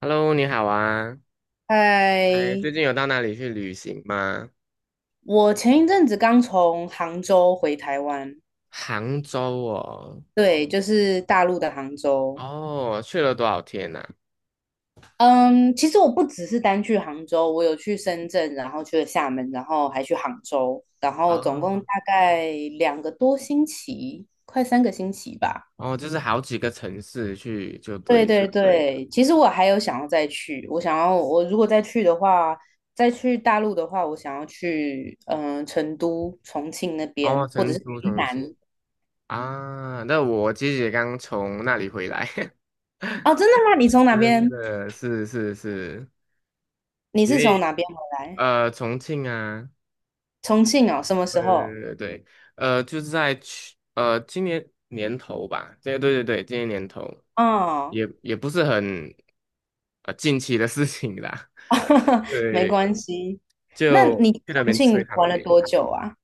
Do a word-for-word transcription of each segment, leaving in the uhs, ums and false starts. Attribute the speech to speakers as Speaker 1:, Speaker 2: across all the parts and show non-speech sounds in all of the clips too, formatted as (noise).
Speaker 1: Hello，你好啊！哎，最近
Speaker 2: 嗨，
Speaker 1: 有到哪里去旅行吗？
Speaker 2: 我前一阵子刚从杭州回台湾，
Speaker 1: 杭州哦，
Speaker 2: 对，就是大陆的杭州。
Speaker 1: 哦，去了多少天呐、
Speaker 2: 嗯，其实我不只是单去杭州，我有去深圳，然后去了厦门，然后还去杭州，然后总共
Speaker 1: 哦，
Speaker 2: 大概两个多星期，快三个星期吧。
Speaker 1: 哦，就是好几个城市去就
Speaker 2: 对
Speaker 1: 对
Speaker 2: 对
Speaker 1: 了。
Speaker 2: 对，其实我还有想要再去，我想要我如果再去的话，再去大陆的话，我想要去嗯、呃成都、重庆那
Speaker 1: 哦，
Speaker 2: 边，或者
Speaker 1: 成
Speaker 2: 是
Speaker 1: 都、
Speaker 2: 云
Speaker 1: 重庆
Speaker 2: 南。
Speaker 1: 啊，那我姐姐刚从那里回来，
Speaker 2: 哦，真的吗？你从
Speaker 1: (laughs)
Speaker 2: 哪
Speaker 1: 真
Speaker 2: 边？
Speaker 1: 的是是是，
Speaker 2: 你
Speaker 1: 因
Speaker 2: 是从
Speaker 1: 为
Speaker 2: 哪边回来？
Speaker 1: 呃，重庆啊，
Speaker 2: 重庆哦，什么
Speaker 1: 对
Speaker 2: 时候？
Speaker 1: 对对对，呃，就是在去呃今年年头吧，对对对对，今年年头
Speaker 2: 哦，
Speaker 1: 也也不是很呃近期的事情啦，(laughs)
Speaker 2: (laughs) 没
Speaker 1: 对，
Speaker 2: 关系。那
Speaker 1: 就
Speaker 2: 你
Speaker 1: 去那
Speaker 2: 重
Speaker 1: 边吃
Speaker 2: 庆
Speaker 1: 他们
Speaker 2: 玩了
Speaker 1: 美
Speaker 2: 多
Speaker 1: 食，
Speaker 2: 久啊？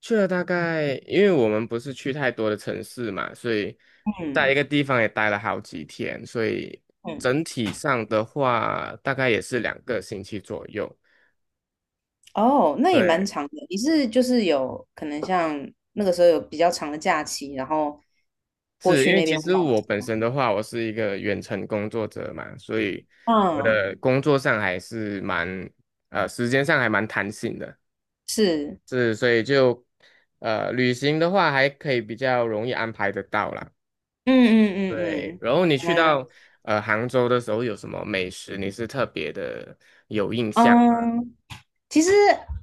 Speaker 1: 去了大概，因为我们不是去太多的城市嘛，所以在一
Speaker 2: 嗯
Speaker 1: 个地方也待了好几天，所以
Speaker 2: 嗯，
Speaker 1: 整体上的话大概也是两个星期左右，
Speaker 2: 哦，那也蛮
Speaker 1: 对，
Speaker 2: 长的。你是就是有可能像那个时候有比较长的假期，然后过
Speaker 1: 是
Speaker 2: 去
Speaker 1: 因为
Speaker 2: 那
Speaker 1: 其
Speaker 2: 边玩
Speaker 1: 实我
Speaker 2: 是
Speaker 1: 本
Speaker 2: 吗？
Speaker 1: 身的话，我是一个远程工作者嘛，所以我
Speaker 2: 嗯，
Speaker 1: 的工作上还是蛮呃时间上还蛮弹性的，
Speaker 2: 是，
Speaker 1: 是所以就呃旅行的话还可以比较容易安排得到啦。
Speaker 2: 嗯嗯嗯
Speaker 1: 对，
Speaker 2: 嗯，
Speaker 1: 然后你
Speaker 2: 原
Speaker 1: 去
Speaker 2: 来如
Speaker 1: 到
Speaker 2: 此。
Speaker 1: 呃杭州的时候有什么美食你是特别的有印象吗？
Speaker 2: 嗯其实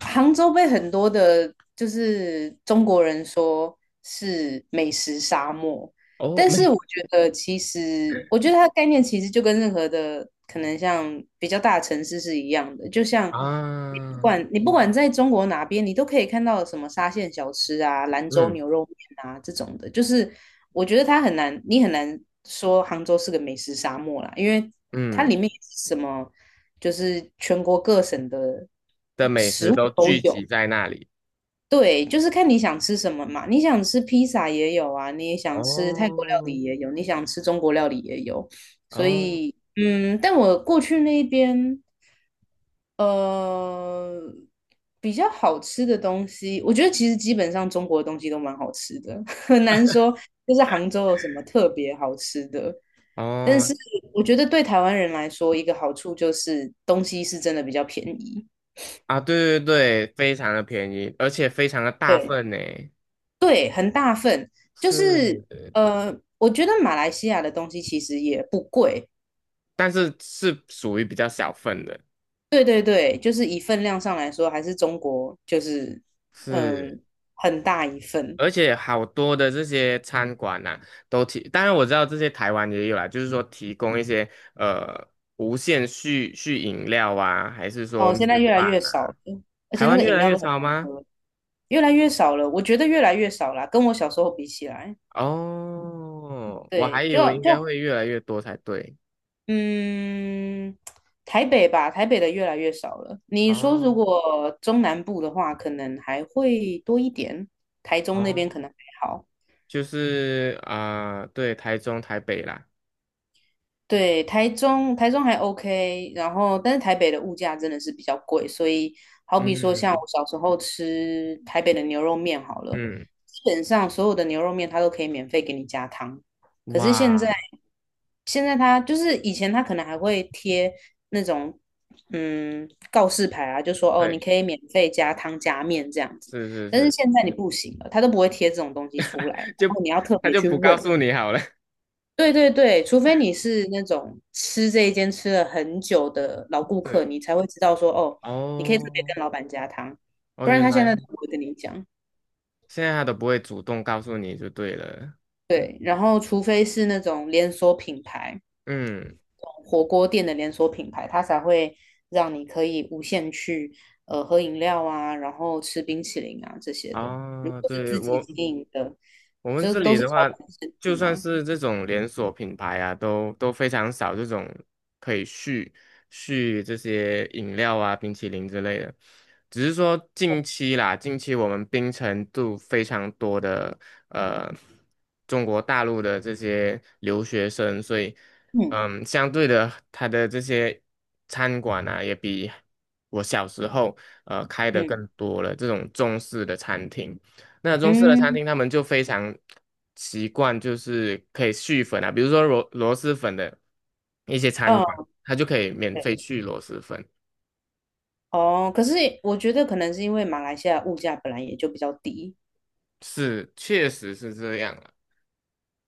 Speaker 2: 杭州被很多的，就是中国人说是美食沙漠，
Speaker 1: 哦，
Speaker 2: 但是
Speaker 1: 美
Speaker 2: 我觉得其实，我觉得它的概念其实就跟任何的可能像比较大的城市是一样的，就像你不
Speaker 1: 啊，
Speaker 2: 管你不管在中国哪边，你都可以看到什么沙县小吃啊、兰州
Speaker 1: 嗯
Speaker 2: 牛肉面啊这种的，就是我觉得它很难，你很难说杭州是个美食沙漠啦，因为它里
Speaker 1: 嗯
Speaker 2: 面也是什么。就是全国各省的
Speaker 1: 的美
Speaker 2: 食
Speaker 1: 食
Speaker 2: 物
Speaker 1: 都
Speaker 2: 都
Speaker 1: 聚
Speaker 2: 有。
Speaker 1: 集在那里。
Speaker 2: 对，就是看你想吃什么嘛。你想吃披萨也有啊，你也想吃泰国料
Speaker 1: 哦
Speaker 2: 理也有，你想吃中国料理也有。所
Speaker 1: 哦。
Speaker 2: 以，嗯，但我过去那一边呃，比较好吃的东西，我觉得其实基本上中国的东西都蛮好吃的，(laughs) 很难说就是杭州有什么特别好吃的。但
Speaker 1: 哦，
Speaker 2: 是我觉得对台湾人来说，一个好处就是东西是真的比较便宜，
Speaker 1: 啊，对对对，非常的便宜，而且非常的大
Speaker 2: 对
Speaker 1: 份呢，
Speaker 2: 对，很大份。就是
Speaker 1: 是，
Speaker 2: 呃，我觉得马来西亚的东西其实也不贵，
Speaker 1: 但是是属于比较小份的，
Speaker 2: 对对对，就是以份量上来说，还是中国就是
Speaker 1: 是，
Speaker 2: 嗯很大一份。
Speaker 1: 而且好多的这些餐馆呐、都提，当然我知道这些台湾也有啦，就是说提供一些呃无限续续饮料啊，还是说
Speaker 2: 哦，现在
Speaker 1: 米
Speaker 2: 越来
Speaker 1: 饭
Speaker 2: 越少
Speaker 1: 啊，
Speaker 2: 了，而
Speaker 1: 台
Speaker 2: 且那
Speaker 1: 湾
Speaker 2: 个
Speaker 1: 越
Speaker 2: 饮
Speaker 1: 来
Speaker 2: 料
Speaker 1: 越
Speaker 2: 都很
Speaker 1: 少
Speaker 2: 难
Speaker 1: 吗？
Speaker 2: 喝，越来越少了。我觉得越来越少了，跟我小时候比起来，
Speaker 1: 哦，我还
Speaker 2: 对，
Speaker 1: 以
Speaker 2: 就
Speaker 1: 为应该
Speaker 2: 就
Speaker 1: 会越来越多才对。
Speaker 2: 嗯，台北吧，台北的越来越少了。你说如
Speaker 1: 哦
Speaker 2: 果中南部的话，可能还会多一点，台中那边
Speaker 1: 哦，
Speaker 2: 可能还好。
Speaker 1: 就是啊、对，台中、台北啦。
Speaker 2: 对，台中台中还 OK，然后但是台北的物价真的是比较贵，所以好比说像我
Speaker 1: 嗯
Speaker 2: 小时候吃台北的牛肉面好了，
Speaker 1: 嗯，
Speaker 2: 基本上所有的牛肉面它都可以免费给你加汤，可是现在
Speaker 1: 哇，
Speaker 2: 现在它就是以前它可能还会贴那种嗯告示牌啊，就说哦你
Speaker 1: 对，
Speaker 2: 可以免费加汤加面这样子，
Speaker 1: 是是
Speaker 2: 但是
Speaker 1: 是，
Speaker 2: 现在你不行了，它都不会贴这种东西出来，然
Speaker 1: (laughs) 就
Speaker 2: 后你要特
Speaker 1: 他
Speaker 2: 别
Speaker 1: 就
Speaker 2: 去
Speaker 1: 不告
Speaker 2: 问。
Speaker 1: 诉你好了，
Speaker 2: 对对对，除非你是那种吃这一间吃了很久的老顾
Speaker 1: (laughs)
Speaker 2: 客，
Speaker 1: 是
Speaker 2: 你才会知道说哦，你可以特别
Speaker 1: 哦
Speaker 2: 跟老板加汤，
Speaker 1: 哦，
Speaker 2: 不然
Speaker 1: 原
Speaker 2: 他现在都
Speaker 1: 来
Speaker 2: 不会跟你讲。
Speaker 1: 现在他都不会主动告诉你就对了，
Speaker 2: 对，然后除非是那种连锁品牌，
Speaker 1: 嗯，
Speaker 2: 火锅店的连锁品牌，它才会让你可以无限去呃喝饮料啊，然后吃冰淇淋啊这些的。如
Speaker 1: 哦，
Speaker 2: 果是
Speaker 1: 对
Speaker 2: 自己
Speaker 1: 我
Speaker 2: 经营的，
Speaker 1: 我们
Speaker 2: 这
Speaker 1: 这
Speaker 2: 都
Speaker 1: 里
Speaker 2: 是
Speaker 1: 的
Speaker 2: 小
Speaker 1: 话，
Speaker 2: 本生
Speaker 1: 就
Speaker 2: 意
Speaker 1: 算
Speaker 2: 啦。
Speaker 1: 是这种连锁品牌啊，都都非常少这种可以续续这些饮料啊、冰淇淋之类的。只是说近期啦，近期我们槟城度非常多的呃中国大陆的这些留学生，所以
Speaker 2: 嗯
Speaker 1: 嗯，相对的，它的这些餐馆啊，也比我小时候呃开的更
Speaker 2: 嗯
Speaker 1: 多了，这种中式的餐厅。那中式的餐
Speaker 2: 嗯，
Speaker 1: 厅他们就非常习惯，就是可以续粉啊，比如说螺螺蛳粉的一些餐馆，
Speaker 2: 哦，
Speaker 1: 它就可以免费
Speaker 2: 对。
Speaker 1: 续螺蛳粉。
Speaker 2: 哦，可是我觉得可能是因为马来西亚物价本来也就比较低，
Speaker 1: 是，确实是这样了。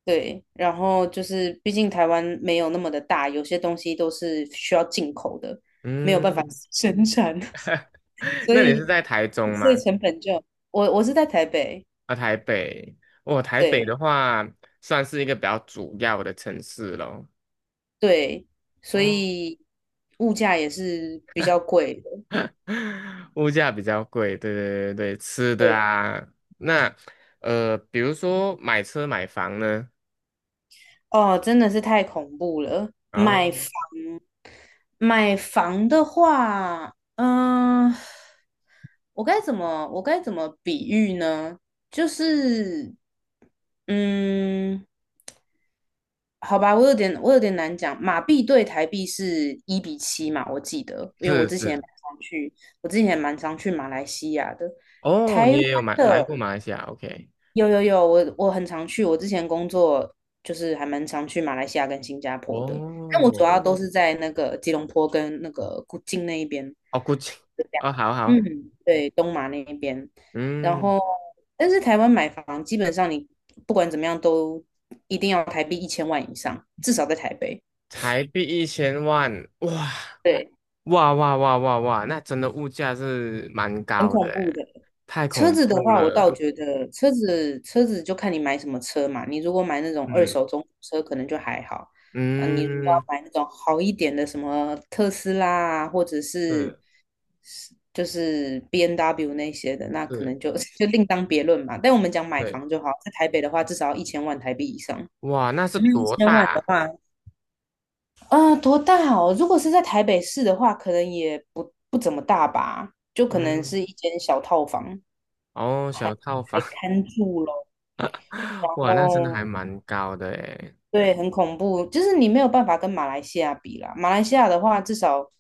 Speaker 2: 对，然后就是毕竟台湾没有那么的大，有些东西都是需要进口的，没有办法
Speaker 1: 嗯，
Speaker 2: (laughs) 生产，(laughs)
Speaker 1: (laughs)
Speaker 2: 所
Speaker 1: 那你是
Speaker 2: 以
Speaker 1: 在台中
Speaker 2: 所以
Speaker 1: 吗？
Speaker 2: 成本就我我是在台北，
Speaker 1: 啊，台北。哦，台北的
Speaker 2: 对
Speaker 1: 话算是一个比较主要的城市咯。
Speaker 2: 对，所
Speaker 1: 哦，
Speaker 2: 以物价也是比较贵的，
Speaker 1: (laughs) 物价比较贵，对对对对，吃的
Speaker 2: 对。
Speaker 1: 啊，那呃，比如说买车买房呢，
Speaker 2: 哦，真的是太恐怖了。买房，
Speaker 1: 哦，
Speaker 2: 买房的话，嗯、我该怎么，我该怎么比喻呢？就是，嗯，好吧，我有点，我有点难讲。马币对台币是一比七嘛，我记得，因为我
Speaker 1: 是
Speaker 2: 之前也蛮
Speaker 1: 是。
Speaker 2: 常去，我之前也蛮常去马来西亚的。
Speaker 1: 哦，你也有买来
Speaker 2: 的
Speaker 1: 过马来西亚？OK，
Speaker 2: 有有有，我我很常去，我之前工作就是还蛮常去马来西亚跟新加坡的，但我主要
Speaker 1: 哦，
Speaker 2: 都嗯是在那个吉隆坡跟那个古晋那一边，
Speaker 1: 哦，估计，
Speaker 2: 就这样。
Speaker 1: 哦，好好，
Speaker 2: 嗯，对，东马那一边。然
Speaker 1: 嗯，
Speaker 2: 后，但是台湾买房基本上你不管怎么样都一定要台币一千万以上，至少在台北，
Speaker 1: 台币一千万，哇，
Speaker 2: 对，
Speaker 1: 哇哇哇哇哇，那真的物价是蛮
Speaker 2: 很
Speaker 1: 高的
Speaker 2: 恐怖
Speaker 1: 诶，
Speaker 2: 的。
Speaker 1: 太
Speaker 2: 车
Speaker 1: 恐
Speaker 2: 子的
Speaker 1: 怖
Speaker 2: 话，我倒
Speaker 1: 了，
Speaker 2: 觉得车子车子就看你买什么车嘛。你如果买那种二
Speaker 1: 嗯
Speaker 2: 手中古车，可能就还好。啊，你如果要
Speaker 1: 嗯，
Speaker 2: 买那种好一点的，什么特斯拉啊，或者是
Speaker 1: 是
Speaker 2: 是就是 b N w 那些的，那可
Speaker 1: 是，
Speaker 2: 能就 (laughs) 就另当别论嘛。但我们讲买
Speaker 1: 对，
Speaker 2: 房就好，在台北的话，至少要一千万台币以上。
Speaker 1: 哇，那是
Speaker 2: 嗯，一
Speaker 1: 多
Speaker 2: 千万
Speaker 1: 大
Speaker 2: 的
Speaker 1: 啊
Speaker 2: 话，嗯、呃多大哦？如果是在台北市的话，可能也不不怎么大吧，就可能
Speaker 1: 嗯，
Speaker 2: 是一间小套房，
Speaker 1: 哦，
Speaker 2: 还
Speaker 1: 小套房，
Speaker 2: 还看住咯。
Speaker 1: (laughs)
Speaker 2: 然
Speaker 1: 哇，那真的
Speaker 2: 后
Speaker 1: 还蛮高的诶，
Speaker 2: 对，很恐怖，就是你没有办法跟马来西亚比啦。马来西亚的话，至少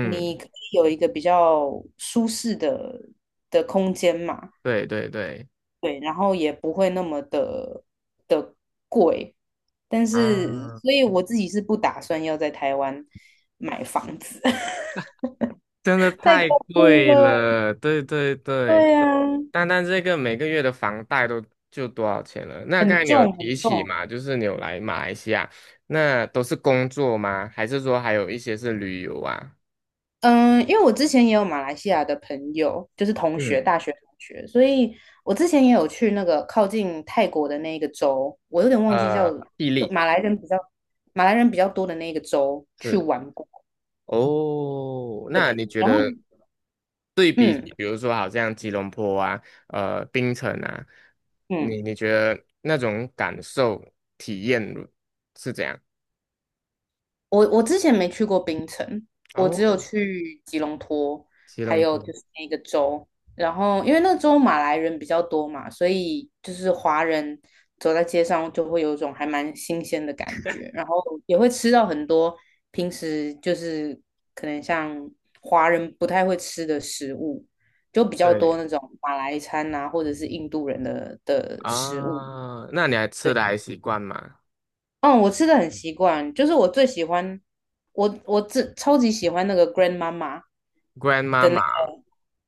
Speaker 2: 你可以有一个比较舒适的的空间嘛。
Speaker 1: 对对对，
Speaker 2: 对，然后也不会那么的的贵，但是，
Speaker 1: 啊。
Speaker 2: 所以我自己是不打算要在台湾买房子，(laughs)
Speaker 1: 真的
Speaker 2: 太
Speaker 1: 太
Speaker 2: 恐怖
Speaker 1: 贵
Speaker 2: 了。
Speaker 1: 了，对对对，
Speaker 2: 对啊，
Speaker 1: 单单这个每个月的房贷都就多少钱了？那刚
Speaker 2: 很
Speaker 1: 才你有
Speaker 2: 重
Speaker 1: 提
Speaker 2: 很
Speaker 1: 起
Speaker 2: 重。
Speaker 1: 嘛，就是你有来马来西亚，那都是工作吗？还是说还有一些是旅游啊？
Speaker 2: 嗯，因为我之前也有马来西亚的朋友，就是同学，
Speaker 1: 嗯，
Speaker 2: 大学同学，所以我之前也有去那个靠近泰国的那一个州，我有点忘记叫
Speaker 1: 呃，毅
Speaker 2: 就
Speaker 1: 力
Speaker 2: 马来人比较马来人比较多的那一个州去
Speaker 1: 是
Speaker 2: 玩过。
Speaker 1: 哦，那
Speaker 2: 对，
Speaker 1: 你觉
Speaker 2: 然后
Speaker 1: 得对比
Speaker 2: 嗯
Speaker 1: 起比如说好像吉隆坡啊，呃，槟城啊，
Speaker 2: 嗯。
Speaker 1: 你你觉得那种感受体验是怎样？
Speaker 2: 我我之前没去过槟城，我只有
Speaker 1: 哦，
Speaker 2: 去吉隆坡，
Speaker 1: 吉
Speaker 2: 还
Speaker 1: 隆
Speaker 2: 有
Speaker 1: 坡，
Speaker 2: 就是那个州。然后因为那个州马来人比较多嘛，所以就是华人走在街上就会有一种还蛮新鲜的感觉，然后也会吃到很多平时就是可能像华人不太会吃的食物，就比较多
Speaker 1: 对。
Speaker 2: 那种马来餐啊，或者是印度人的的食物。对。
Speaker 1: 啊，那你还吃的还习惯吗
Speaker 2: 嗯，我吃的很习惯，就是我最喜欢，我我这超级喜欢那个 Grandmama
Speaker 1: ？Grandma
Speaker 2: 的那
Speaker 1: 嘛，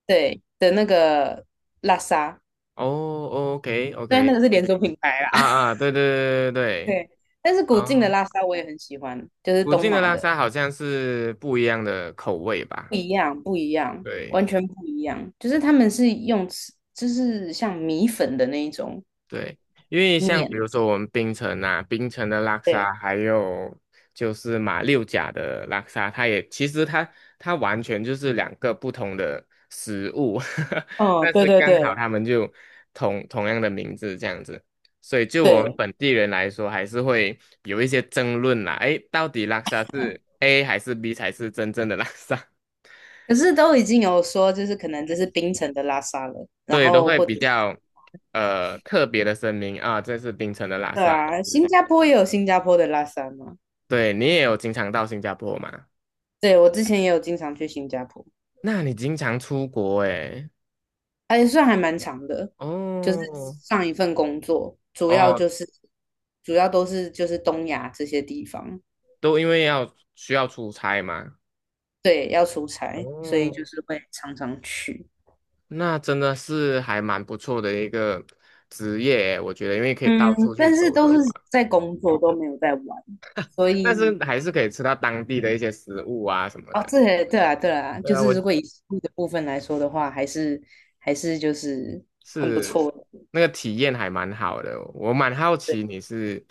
Speaker 2: 对的那个拉沙，
Speaker 1: 哦，OK
Speaker 2: 虽然那
Speaker 1: OK，
Speaker 2: 个是连锁品牌啦，
Speaker 1: 啊
Speaker 2: (laughs)
Speaker 1: 啊，对对对对对，
Speaker 2: 对，但是古晋的
Speaker 1: 啊，
Speaker 2: 拉沙我也很喜欢，就是
Speaker 1: 附
Speaker 2: 东
Speaker 1: 近的
Speaker 2: 马
Speaker 1: 拉
Speaker 2: 的，
Speaker 1: 萨好像是不一样的口味
Speaker 2: 不
Speaker 1: 吧？
Speaker 2: 一样，不一样，
Speaker 1: 对。
Speaker 2: 完全不一样，就是他们是用吃，就是像米粉的那一种
Speaker 1: 对，因为像比
Speaker 2: 面，
Speaker 1: 如说我们槟城啊，槟城的拉
Speaker 2: 对，
Speaker 1: 沙，还有就是马六甲的拉沙，它也其实它它完全就是两个不同的食物，(laughs)
Speaker 2: 哦，
Speaker 1: 但
Speaker 2: 对
Speaker 1: 是
Speaker 2: 对对
Speaker 1: 刚好他们就同同样的名字这样子，所以就我们
Speaker 2: 对，
Speaker 1: 本地人来说，还是会有一些争论啦，诶，到底拉沙是 A 还是 B 才是真正的拉沙？(laughs)
Speaker 2: 可是都已经有说，就是可能这是冰城的拉沙了，然
Speaker 1: 对，都
Speaker 2: 后
Speaker 1: 会
Speaker 2: 或者
Speaker 1: 比
Speaker 2: 是。
Speaker 1: 较呃特别的声明啊，这是槟城的拉
Speaker 2: 对
Speaker 1: 沙。
Speaker 2: 啊，新加坡也有新加坡的拉萨嘛。
Speaker 1: 对，你也有经常到新加坡嘛？
Speaker 2: 对，我之前也有经常去新加坡，
Speaker 1: 那你经常出国诶？
Speaker 2: 而且算还蛮长的。就是
Speaker 1: 哦
Speaker 2: 上一份工作，主要
Speaker 1: 哦，
Speaker 2: 就是主要都是就是东亚这些地方，
Speaker 1: 都因为要需要出差嘛。
Speaker 2: 对，要出差，所以就
Speaker 1: 哦，
Speaker 2: 是会常常去。
Speaker 1: 那真的是还蛮不错的一个职业诶我觉得，因为可以到
Speaker 2: 嗯，
Speaker 1: 处去
Speaker 2: 但是
Speaker 1: 走
Speaker 2: 都是
Speaker 1: 走啊，
Speaker 2: 在工作，都没有在玩，所
Speaker 1: 但是
Speaker 2: 以
Speaker 1: 还是可以吃到当地的一些食物啊什么
Speaker 2: 哦，
Speaker 1: 的。
Speaker 2: 这也对啊，对啊，
Speaker 1: 对
Speaker 2: 就
Speaker 1: 啊，
Speaker 2: 是
Speaker 1: 我
Speaker 2: 如果以收入的部分来说的话，还是还是就是很不错
Speaker 1: 是
Speaker 2: 的，
Speaker 1: 那个体验还蛮好的，我蛮好
Speaker 2: 对，
Speaker 1: 奇你是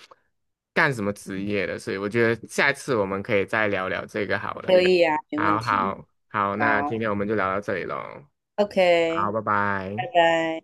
Speaker 1: 干什么职业的，所以我觉得下一次我们可以再聊聊这个好了。
Speaker 2: 可以啊，没
Speaker 1: 好
Speaker 2: 问题，
Speaker 1: 好好，那今
Speaker 2: 好。
Speaker 1: 天我们就聊到这里喽。
Speaker 2: OK，
Speaker 1: 好，拜拜。
Speaker 2: 拜拜。